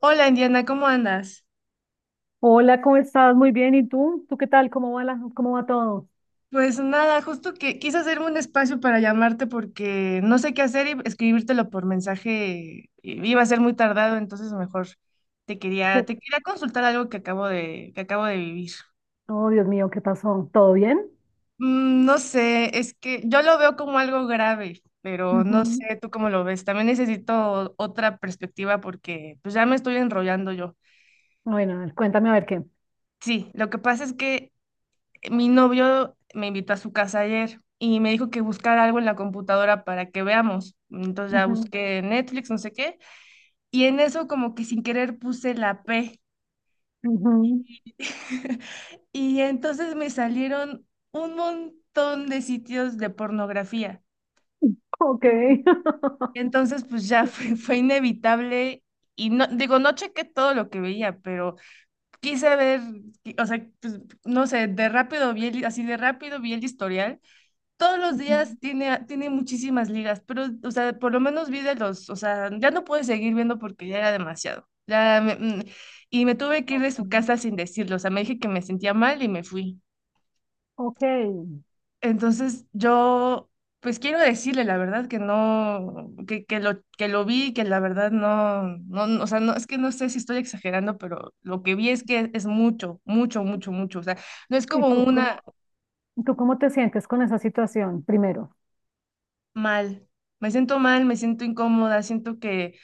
Hola Indiana, ¿cómo andas? Hola, ¿cómo estás? Muy bien. ¿Y tú? ¿Tú qué tal? ¿Cómo va cómo va todo? Pues nada, justo que quise hacerme un espacio para llamarte porque no sé qué hacer y escribírtelo por mensaje iba a ser muy tardado, entonces mejor te quería, ¿Qué- te quería consultar algo que acabo de vivir. Oh, Dios mío, ¿qué pasó? ¿Todo bien? No sé, es que yo lo veo como algo grave, pero no Ujú. sé tú cómo lo ves. También necesito otra perspectiva porque pues ya me estoy enrollando yo. Bueno, a ver, cuéntame a ver qué. Sí, lo que pasa es que mi novio me invitó a su casa ayer y me dijo que buscara algo en la computadora para que veamos. Entonces ya Ujú, busqué Netflix, no sé qué, y en eso como que sin querer puse la P. ujú. Y entonces me salieron un montón de sitios de pornografía. Ok. Y entonces pues ya fue inevitable y no, digo, no chequé todo lo que veía, pero quise ver, o sea, pues, no sé, de rápido así de rápido vi el historial. Todos los Ujú. días tiene muchísimas ligas, pero, o sea, por lo menos vi de los, o sea, ya no pude seguir viendo porque ya era demasiado. Y me tuve que ir Ok. de su casa sin decirlo, o sea, me dije que me sentía mal y me fui. Ok. Entonces yo, pues quiero decirle la verdad, que no, que lo vi, que la verdad o sea, no, es que no sé si estoy exagerando, pero lo que vi es que es mucho, mucho, mucho, mucho, o sea, no es ¿Y como tú una tú cómo te sientes con esa situación primero? mal. Me siento mal, me siento incómoda,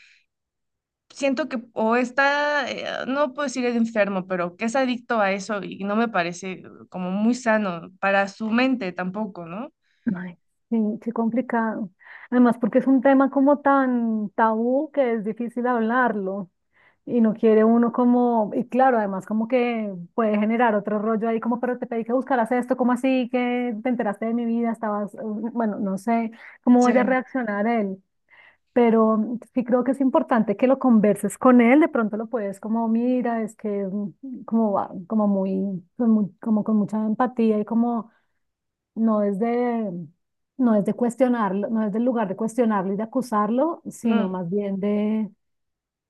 siento que o está, no puedo decir enfermo, pero que es adicto a eso y no me parece como muy sano para su mente tampoco, ¿no? Ay, sí, qué complicado. Además, porque es un tema como tan tabú que es difícil hablarlo. Y no quiere uno como, y claro, además como que puede generar otro rollo ahí, como, pero te pedí que buscaras esto, ¿cómo así? Que te enteraste de mi vida, estabas, bueno, no sé cómo vaya a Sí. reaccionar él, pero sí creo que es importante que lo converses con él, de pronto lo puedes como, mira, es que como, como muy, con como con mucha empatía y como no no es de cuestionarlo, no es del lugar de cuestionarlo y de acusarlo, sino Mm. más bien de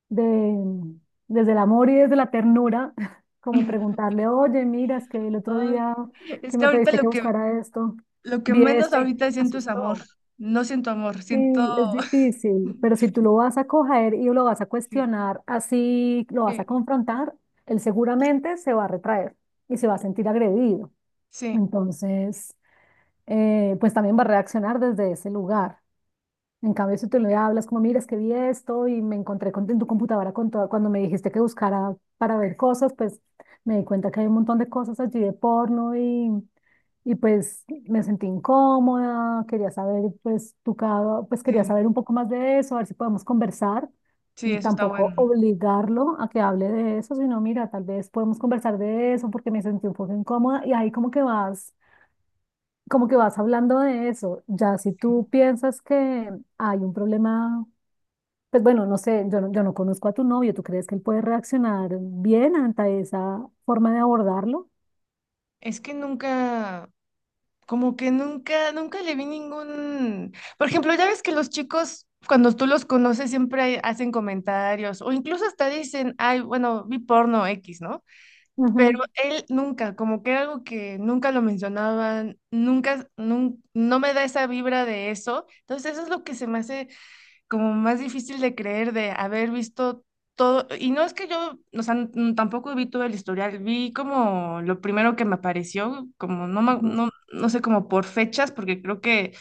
de, desde el amor y desde la ternura, como preguntarle, oye, mira, es que el otro Ay, día es que que me pediste que buscara esto, lo que vi menos esto y ahorita me siento es amor. asustó. No siento amor, siento... Sí, es difícil, pero si tú lo vas a coger y lo vas a Sí, cuestionar, así lo vas a sí, confrontar, él seguramente se va a retraer y se va a sentir agredido. sí, Entonces, pues también va a reaccionar desde ese lugar. En cambio, si tú le hablas como, mira, es que vi esto y me encontré en tu computadora con todo, cuando me dijiste que buscara para ver cosas, pues me di cuenta que hay un montón de cosas allí de porno y pues me sentí incómoda, quería saber, pues pues quería sí, saber un poco más de eso, a ver si podemos conversar, sí, mm, eso está bueno. tampoco obligarlo a que hable de eso, sino mira, tal vez podemos conversar de eso porque me sentí un poco incómoda y ahí como que vas hablando de eso, ya si tú piensas que hay un problema, pues bueno, no sé, yo no conozco a tu novio. ¿Tú crees que él puede reaccionar bien ante esa forma de abordarlo? Es que nunca... como que nunca, por ejemplo, ya ves que los chicos, cuando tú los conoces, siempre hacen comentarios o incluso hasta dicen, ay, bueno, vi porno X, ¿no? Pero Ujú, él nunca, como que era algo que nunca lo mencionaban, nunca, nun- no me da esa vibra de eso. Entonces, eso es lo que se me hace como más difícil de creer de haber visto todo, y no es que yo, o sea, tampoco vi todo el historial, vi como lo primero que me apareció, como no, ujú. No sé, como por fechas, porque creo que,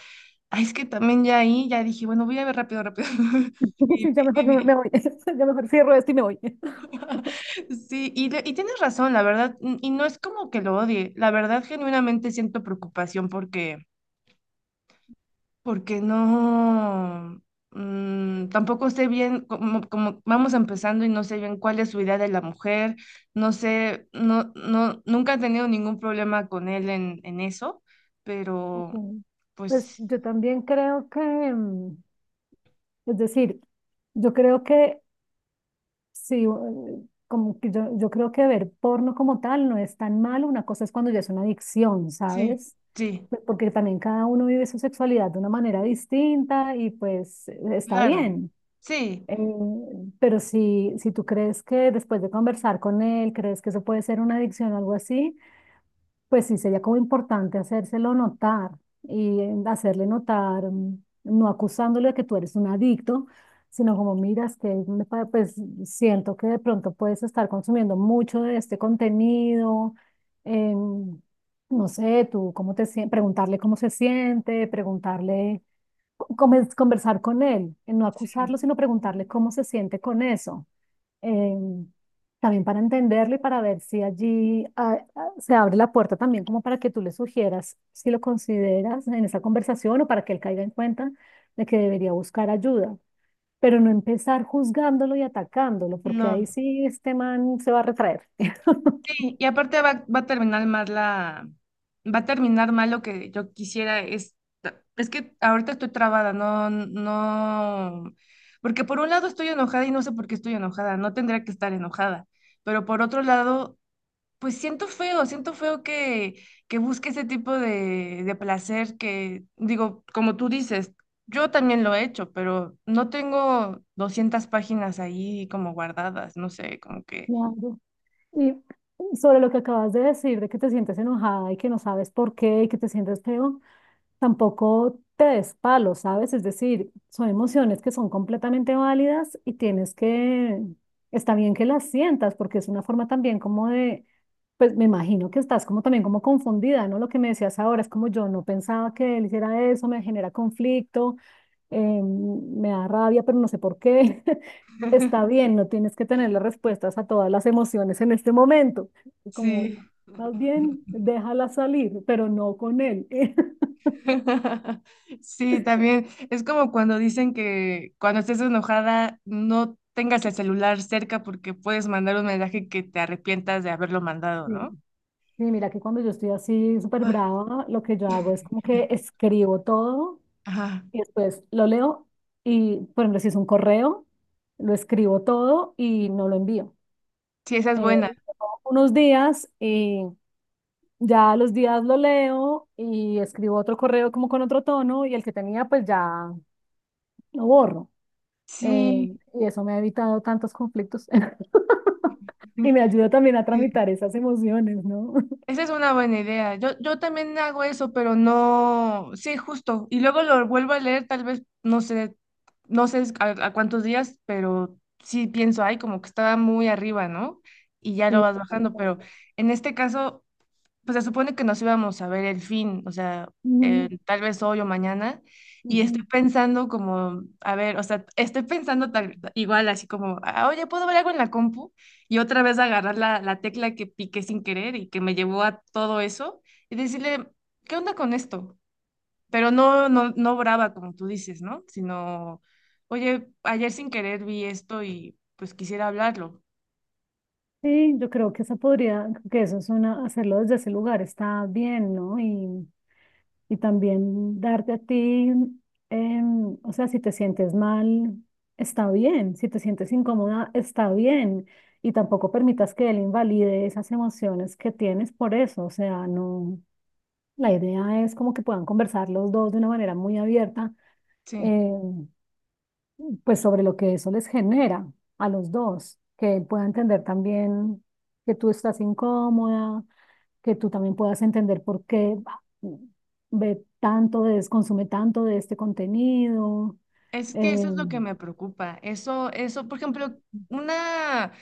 ay, es que también ya ahí, ya dije, bueno, voy a ver rápido, rápido. Y- Sí, ya mejor y- me y- voy, ya mejor cierro esto y me voy. Sí, y, y tienes razón, la verdad, y no es como que lo odie, la verdad genuinamente siento preocupación porque porque no, tampoco sé bien cómo, vamos empezando y no sé bien cuál es su idea de la mujer, no sé, no, no, nunca he tenido ningún problema con él en eso, Ok. pero Pues pues yo también creo que, mm, es decir, yo creo que sí. Como que yo creo que ver porno como tal no es tan malo. Una cosa es cuando ya es una adicción, sí, ¿sabes? sí, Pues porque también cada uno vive su sexualidad de una manera distinta y pues está claro, bien. sí, Eh, pero si tú crees que después de conversar con él, crees que eso puede ser una adicción o algo así, pues sí, sería como importante hacérselo notar y hacerle notar, mm, no acusándole de que tú eres un adicto, sino como miras que me pues siento que de pronto puedes estar consumiendo mucho de este contenido, em, no sé, tú cómo te sientes, preguntarle cómo se siente, preguntarle, conversar con él, no acusarlo, sino preguntarle cómo se siente con eso em, también para entenderlo y para ver si allí se abre la puerta también como para que tú le sugieras si lo consideras en esa conversación o para que él caiga en cuenta de que debería buscar ayuda, pero no empezar juzgándolo y atacándolo, porque no. ahí sí este man se va a retraer. Sí, y aparte va a terminar mal va a terminar mal. Lo que yo quisiera es que ahorita estoy trabada, no, no, porque por un lado estoy enojada y no sé por qué estoy enojada, no tendría que estar enojada, pero por otro lado, pues siento feo que busque ese tipo de placer que, digo, como tú dices, yo también lo he hecho, pero no tengo 200 páginas ahí como guardadas, no sé, como que... Claro. Y sobre lo que acabas de decir, de que te sientes enojada y que no sabes por qué y que te sientes feo, tampoco te des palo, ¿sabes? Es decir, son emociones que son completamente válidas y tienes que, está bien que las sientas porque es una forma también como de, pues me imagino que estás como también como confundida, ¿no? Lo que me decías ahora es como yo no pensaba que él hiciera eso, me genera conflicto, me da rabia, pero no sé por qué. Está bien, no tienes que tener las respuestas a todas las emociones en este momento. Como, Sí. más bien, déjala salir, pero no con él. Sí, también es como cuando dicen que cuando estés enojada no tengas el celular cerca porque puedes mandar un mensaje que te arrepientas de haberlo mandado, Sí. ¿no? Sí, mira que cuando yo estoy así súper Ay, brava, lo que yo hago es como que escribo todo ajá. y después lo leo y, por ejemplo, si es un correo, lo escribo todo y no lo envío. Sí, esa es Eh, buena. unos días y ya a los días lo leo y escribo otro correo como con otro tono y el que tenía pues ya lo borro. Eh, Sí, y eso me ha evitado tantos conflictos mm, y me ayuda también a sí, tramitar esas emociones, ¿no? esa es una buena idea. Yo también hago eso, pero no, sí, justo. Y luego lo vuelvo a leer, tal vez, no sé, no sé a cuántos días, pero sí pienso, ay, como que estaba muy arriba, ¿no? Y ya lo Sí, vas tal bajando, cual. pero en este caso pues se supone que nos íbamos a ver el fin, o sea, Ujú, tal vez hoy o mañana, y estoy ujú. pensando como, a ver, o sea, estoy pensando tal, igual así como, "Ah, oye, ¿puedo ver algo en la compu? Y otra vez agarrar la tecla que piqué sin querer y que me llevó a todo eso, y decirle, ¿qué onda con esto? Pero no, no, no brava, como tú dices, ¿no? Sino, oye, ayer sin querer vi esto y pues quisiera hablarlo. Sí, yo creo que esa podría, que eso es una, hacerlo desde ese lugar está bien, ¿no? Y también darte a ti, em, o sea, si te sientes mal, está bien, si te sientes incómoda, está bien, y tampoco permitas que él invalide esas emociones que tienes por eso, o sea, no, la idea es como que puedan conversar los dos de una manera muy abierta. Sí. Em, pues sobre lo que eso les genera a los dos, que él pueda entender también que tú estás incómoda, que tú también puedas entender por qué ve tanto consume tanto de este contenido. Es que eso eh, es lo que me preocupa. Eso, por ejemplo, una,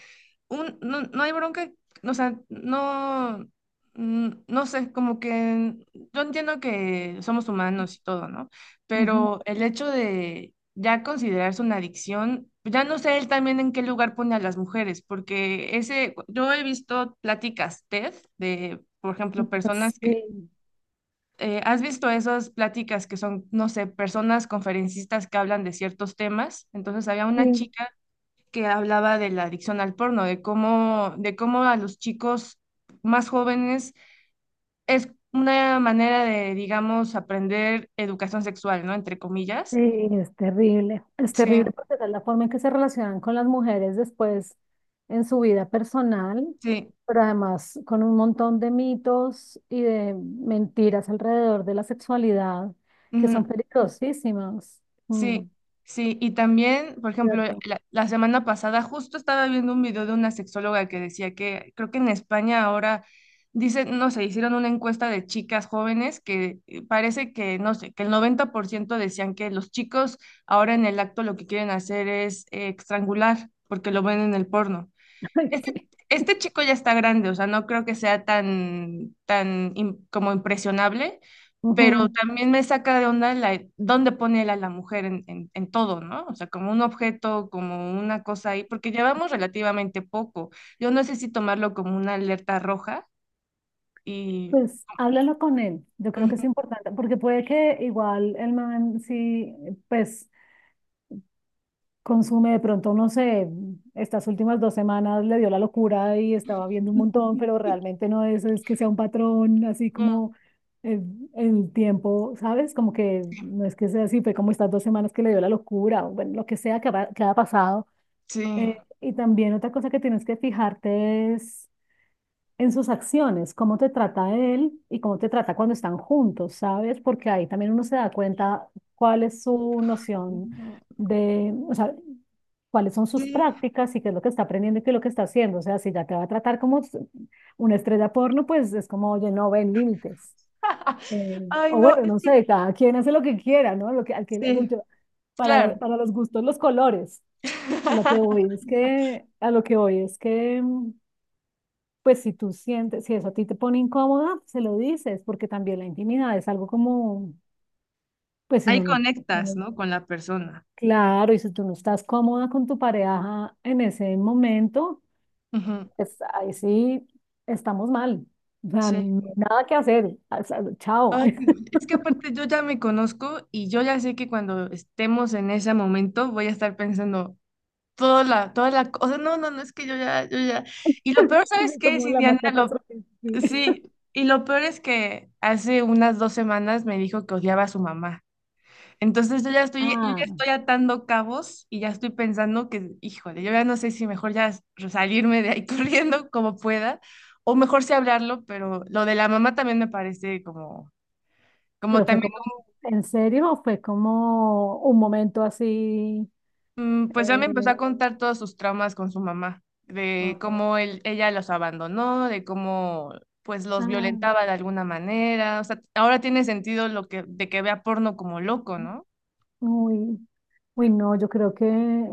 un, no, no hay bronca, o sea, no, no sé, como que yo entiendo que somos humanos y todo, ¿no? ujú, Pero el hecho de ya considerarse una adicción, ya no sé él también en qué lugar pone a las mujeres, porque ese, yo he visto pláticas TED de, por ejemplo, ujú, personas sí, que ¿has visto esas pláticas que son, no sé, personas conferencistas que hablan de ciertos temas? Entonces había una sí. chica que hablaba de la adicción al porno, de cómo a los chicos más jóvenes es una manera de, digamos, aprender educación sexual, ¿no? Entre Sí, comillas. Es Sí, terrible porque esa es la forma en que se relacionan con las mujeres después en su vida personal, sí. pero además con un montón de mitos y de mentiras alrededor de la sexualidad que son Ujú. peligrosísimas. Mm, Sí, sí, y también, por ejemplo, cierto. La semana pasada justo estaba viendo un video de una sexóloga que decía que creo que en España ahora, dicen, no sé, hicieron una encuesta de chicas jóvenes que parece que, no sé, que el 90% decían que los chicos ahora en el acto lo que quieren hacer es estrangular porque lo ven en el porno. Ay, Este, sí. este chico ya está grande, o sea, no creo que sea tan, como impresionable, pero Ujú. también me saca de onda la, dónde pone él a la mujer en todo, ¿no? O sea, como un objeto, como una cosa ahí, porque llevamos relativamente poco. Yo no sé si tomarlo como una alerta roja y... Pues háblalo con él, yo creo que Ujú. es importante, porque puede que igual el man sí, pues consume de pronto, no sé, estas últimas dos semanas le dio la locura y estaba viendo un montón, pero realmente no es, es que sea un patrón así como eh, el tiempo, ¿sabes? Como que no es que sea así, fue como estas dos semanas que le dio la locura, o bueno, lo que sea que haya pasado. Sí. Y también otra cosa que tienes que fijarte es en sus acciones, cómo te trata él y cómo te trata cuando están juntos, ¿sabes? Porque ahí también uno se da cuenta cuál es su noción No, de, o sea, cuáles son sus sí. prácticas y qué es lo que está aprendiendo y qué es lo que está haciendo. O sea, si ya te va a tratar como una estrella porno, pues es como, oye, no ven límites. Ay, O no, bueno, es no que sé, cada quien hace lo que quiera, ¿no? Lo que, al que, sí. Claro, para los gustos, los colores. A lo que voy es que, a lo que voy es que mm, pues si tú sientes, si eso a ti te pone incómoda, se lo dices, porque también la intimidad es algo como, pues si ahí uno conectas, no- ¿no? Con la persona. claro, y si tú no estás cómoda con tu pareja en ese momento, Ujú. pues ahí sí estamos mal. O sea, Sí. no hay nada que hacer. O sea, chao. Ay, es que aparte yo ya me conozco y yo ya sé que cuando estemos en ese momento voy a estar pensando toda la cosa. No, no, no, es que yo ya, yo ya. Y lo peor, ¿sabes Así qué es, como la más Indiana? Lo, catastrófica. Sí. sí, y lo peor es que hace unas 2 semanas me dijo que odiaba a su mamá. Entonces yo Ah, ya estoy atando cabos y ya estoy pensando que, híjole, yo ya no sé si mejor ya salirme de ahí corriendo como pueda, o mejor sí hablarlo, pero lo de la mamá también me parece como. Como pero fue también como, ¿en serio? ¿O fue como un momento así? mm, pues ya me empezó eh, a contar todos sus traumas con su mamá, ah, ella los abandonó, de cómo pues los ah, violentaba de alguna manera. O sea, ahora tiene sentido lo que, de que vea porno como loco, ¿no? uy. Uy, no, yo creo que,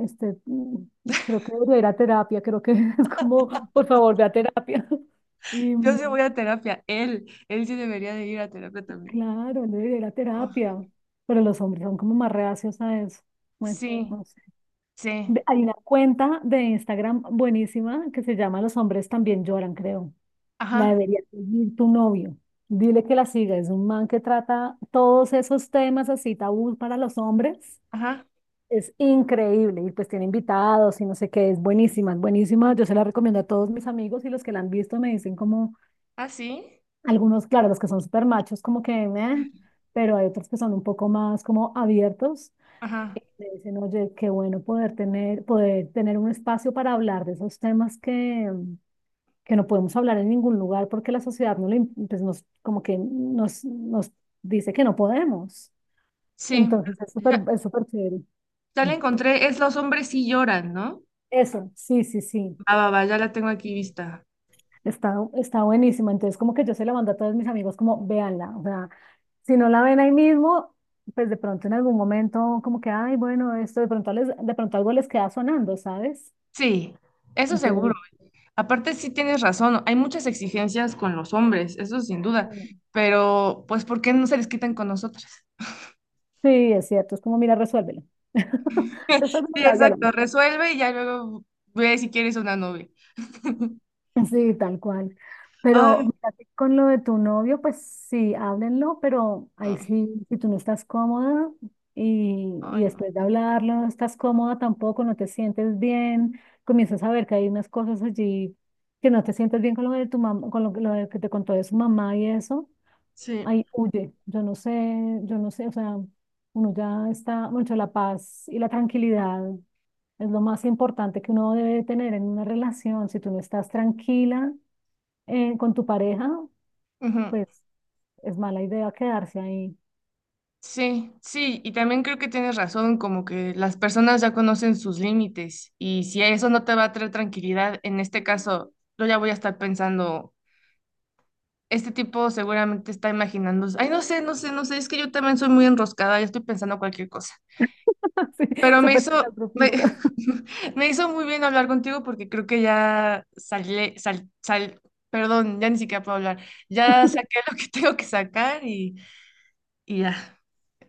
este, mm, creo que debería ir a terapia, creo que es como, por favor, ve a terapia. Y Yo sí mm, voy a terapia, él sí debería de ir a terapia también. claro, él debería ir a Oh, terapia, pero los hombres son como más reacios a eso. Bueno, sí, no sé. sí, Hay una cuenta de Instagram buenísima que se llama Los hombres también lloran, creo. La ajá, debería seguir tu novio. Dile que la siga, es un man que trata todos esos temas así tabú para los hombres. ajá, Es increíble y pues tiene invitados y no sé qué, es buenísima, es buenísima. Yo se la recomiendo a todos mis amigos y los que la han visto me dicen como, ah, sí, algunos, claro, los que son súper machos como que, "Meh", pero hay otros que son un poco más como abiertos. ajá, Y me dicen, oye, qué bueno poder tener un espacio para hablar de esos temas que no podemos hablar en ningún lugar porque la sociedad no lo pues nos, como que nos dice que no podemos. sí. Entonces Ya, es súper chévere. ya la encontré, es Los hombres sí lloran, ¿no? Eso, sí, sí, sí. Va, va, va, ya la tengo aquí vista. Está, está buenísima. Entonces, como que yo se la mando a todos mis amigos, como véanla. O sea, si no la ven ahí mismo, pues de pronto en algún momento, como que, ay, bueno, esto de pronto, les, de pronto algo les queda sonando, ¿sabes? Sí, eso seguro. Entonces, Aparte, sí tienes razón, hay muchas exigencias con los hombres, eso sin duda, mm, pero pues ¿por qué no se les quitan con nosotras? sí, es cierto. Es como, mira, resuélvelo. Después, bueno, Sí, ya lo- exacto, resuelve y ya luego ve si quieres una novia. Sí, tal cual. Pero Ay, mira que con lo de tu novio, pues sí, háblenlo, pero ahí no, sí, si tú no estás cómoda y ay, no. después de hablarlo no estás cómoda tampoco, no te sientes bien, comienzas a ver que hay unas cosas allí que no te sientes bien con lo de tu mamá, lo de que te contó de su mamá y eso, Sí, ahí huye. Yo no sé, o sea, uno ya está, mucho la paz y la tranquilidad es lo más importante que uno debe tener en una relación. Si tú no estás tranquila, con tu pareja, ujú, pues es mala idea quedarse ahí. sí, sí, y también creo que tienes razón, como que las personas ya conocen sus límites y si eso no te va a traer tranquilidad, en este caso, yo ya voy a estar pensando. Este tipo seguramente está imaginando, ay, no sé, no sé, no sé, es que yo también soy muy enroscada, ya estoy pensando cualquier cosa. Sí, Pero súper catastrofista. me hizo muy bien hablar contigo porque creo que ya salí, perdón, ya ni siquiera puedo hablar. Ya saqué lo que tengo que sacar y ya.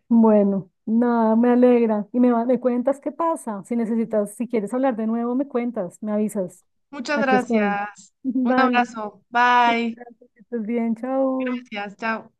Bueno, nada, me alegra. Me cuentas qué pasa. Si necesitas, si quieres hablar de nuevo, me cuentas, me avisas. Muchas Aquí estoy. gracias. Un Vale. abrazo. Muchas Bye. gracias. Que estés bien. Chao. Gracias. Chao.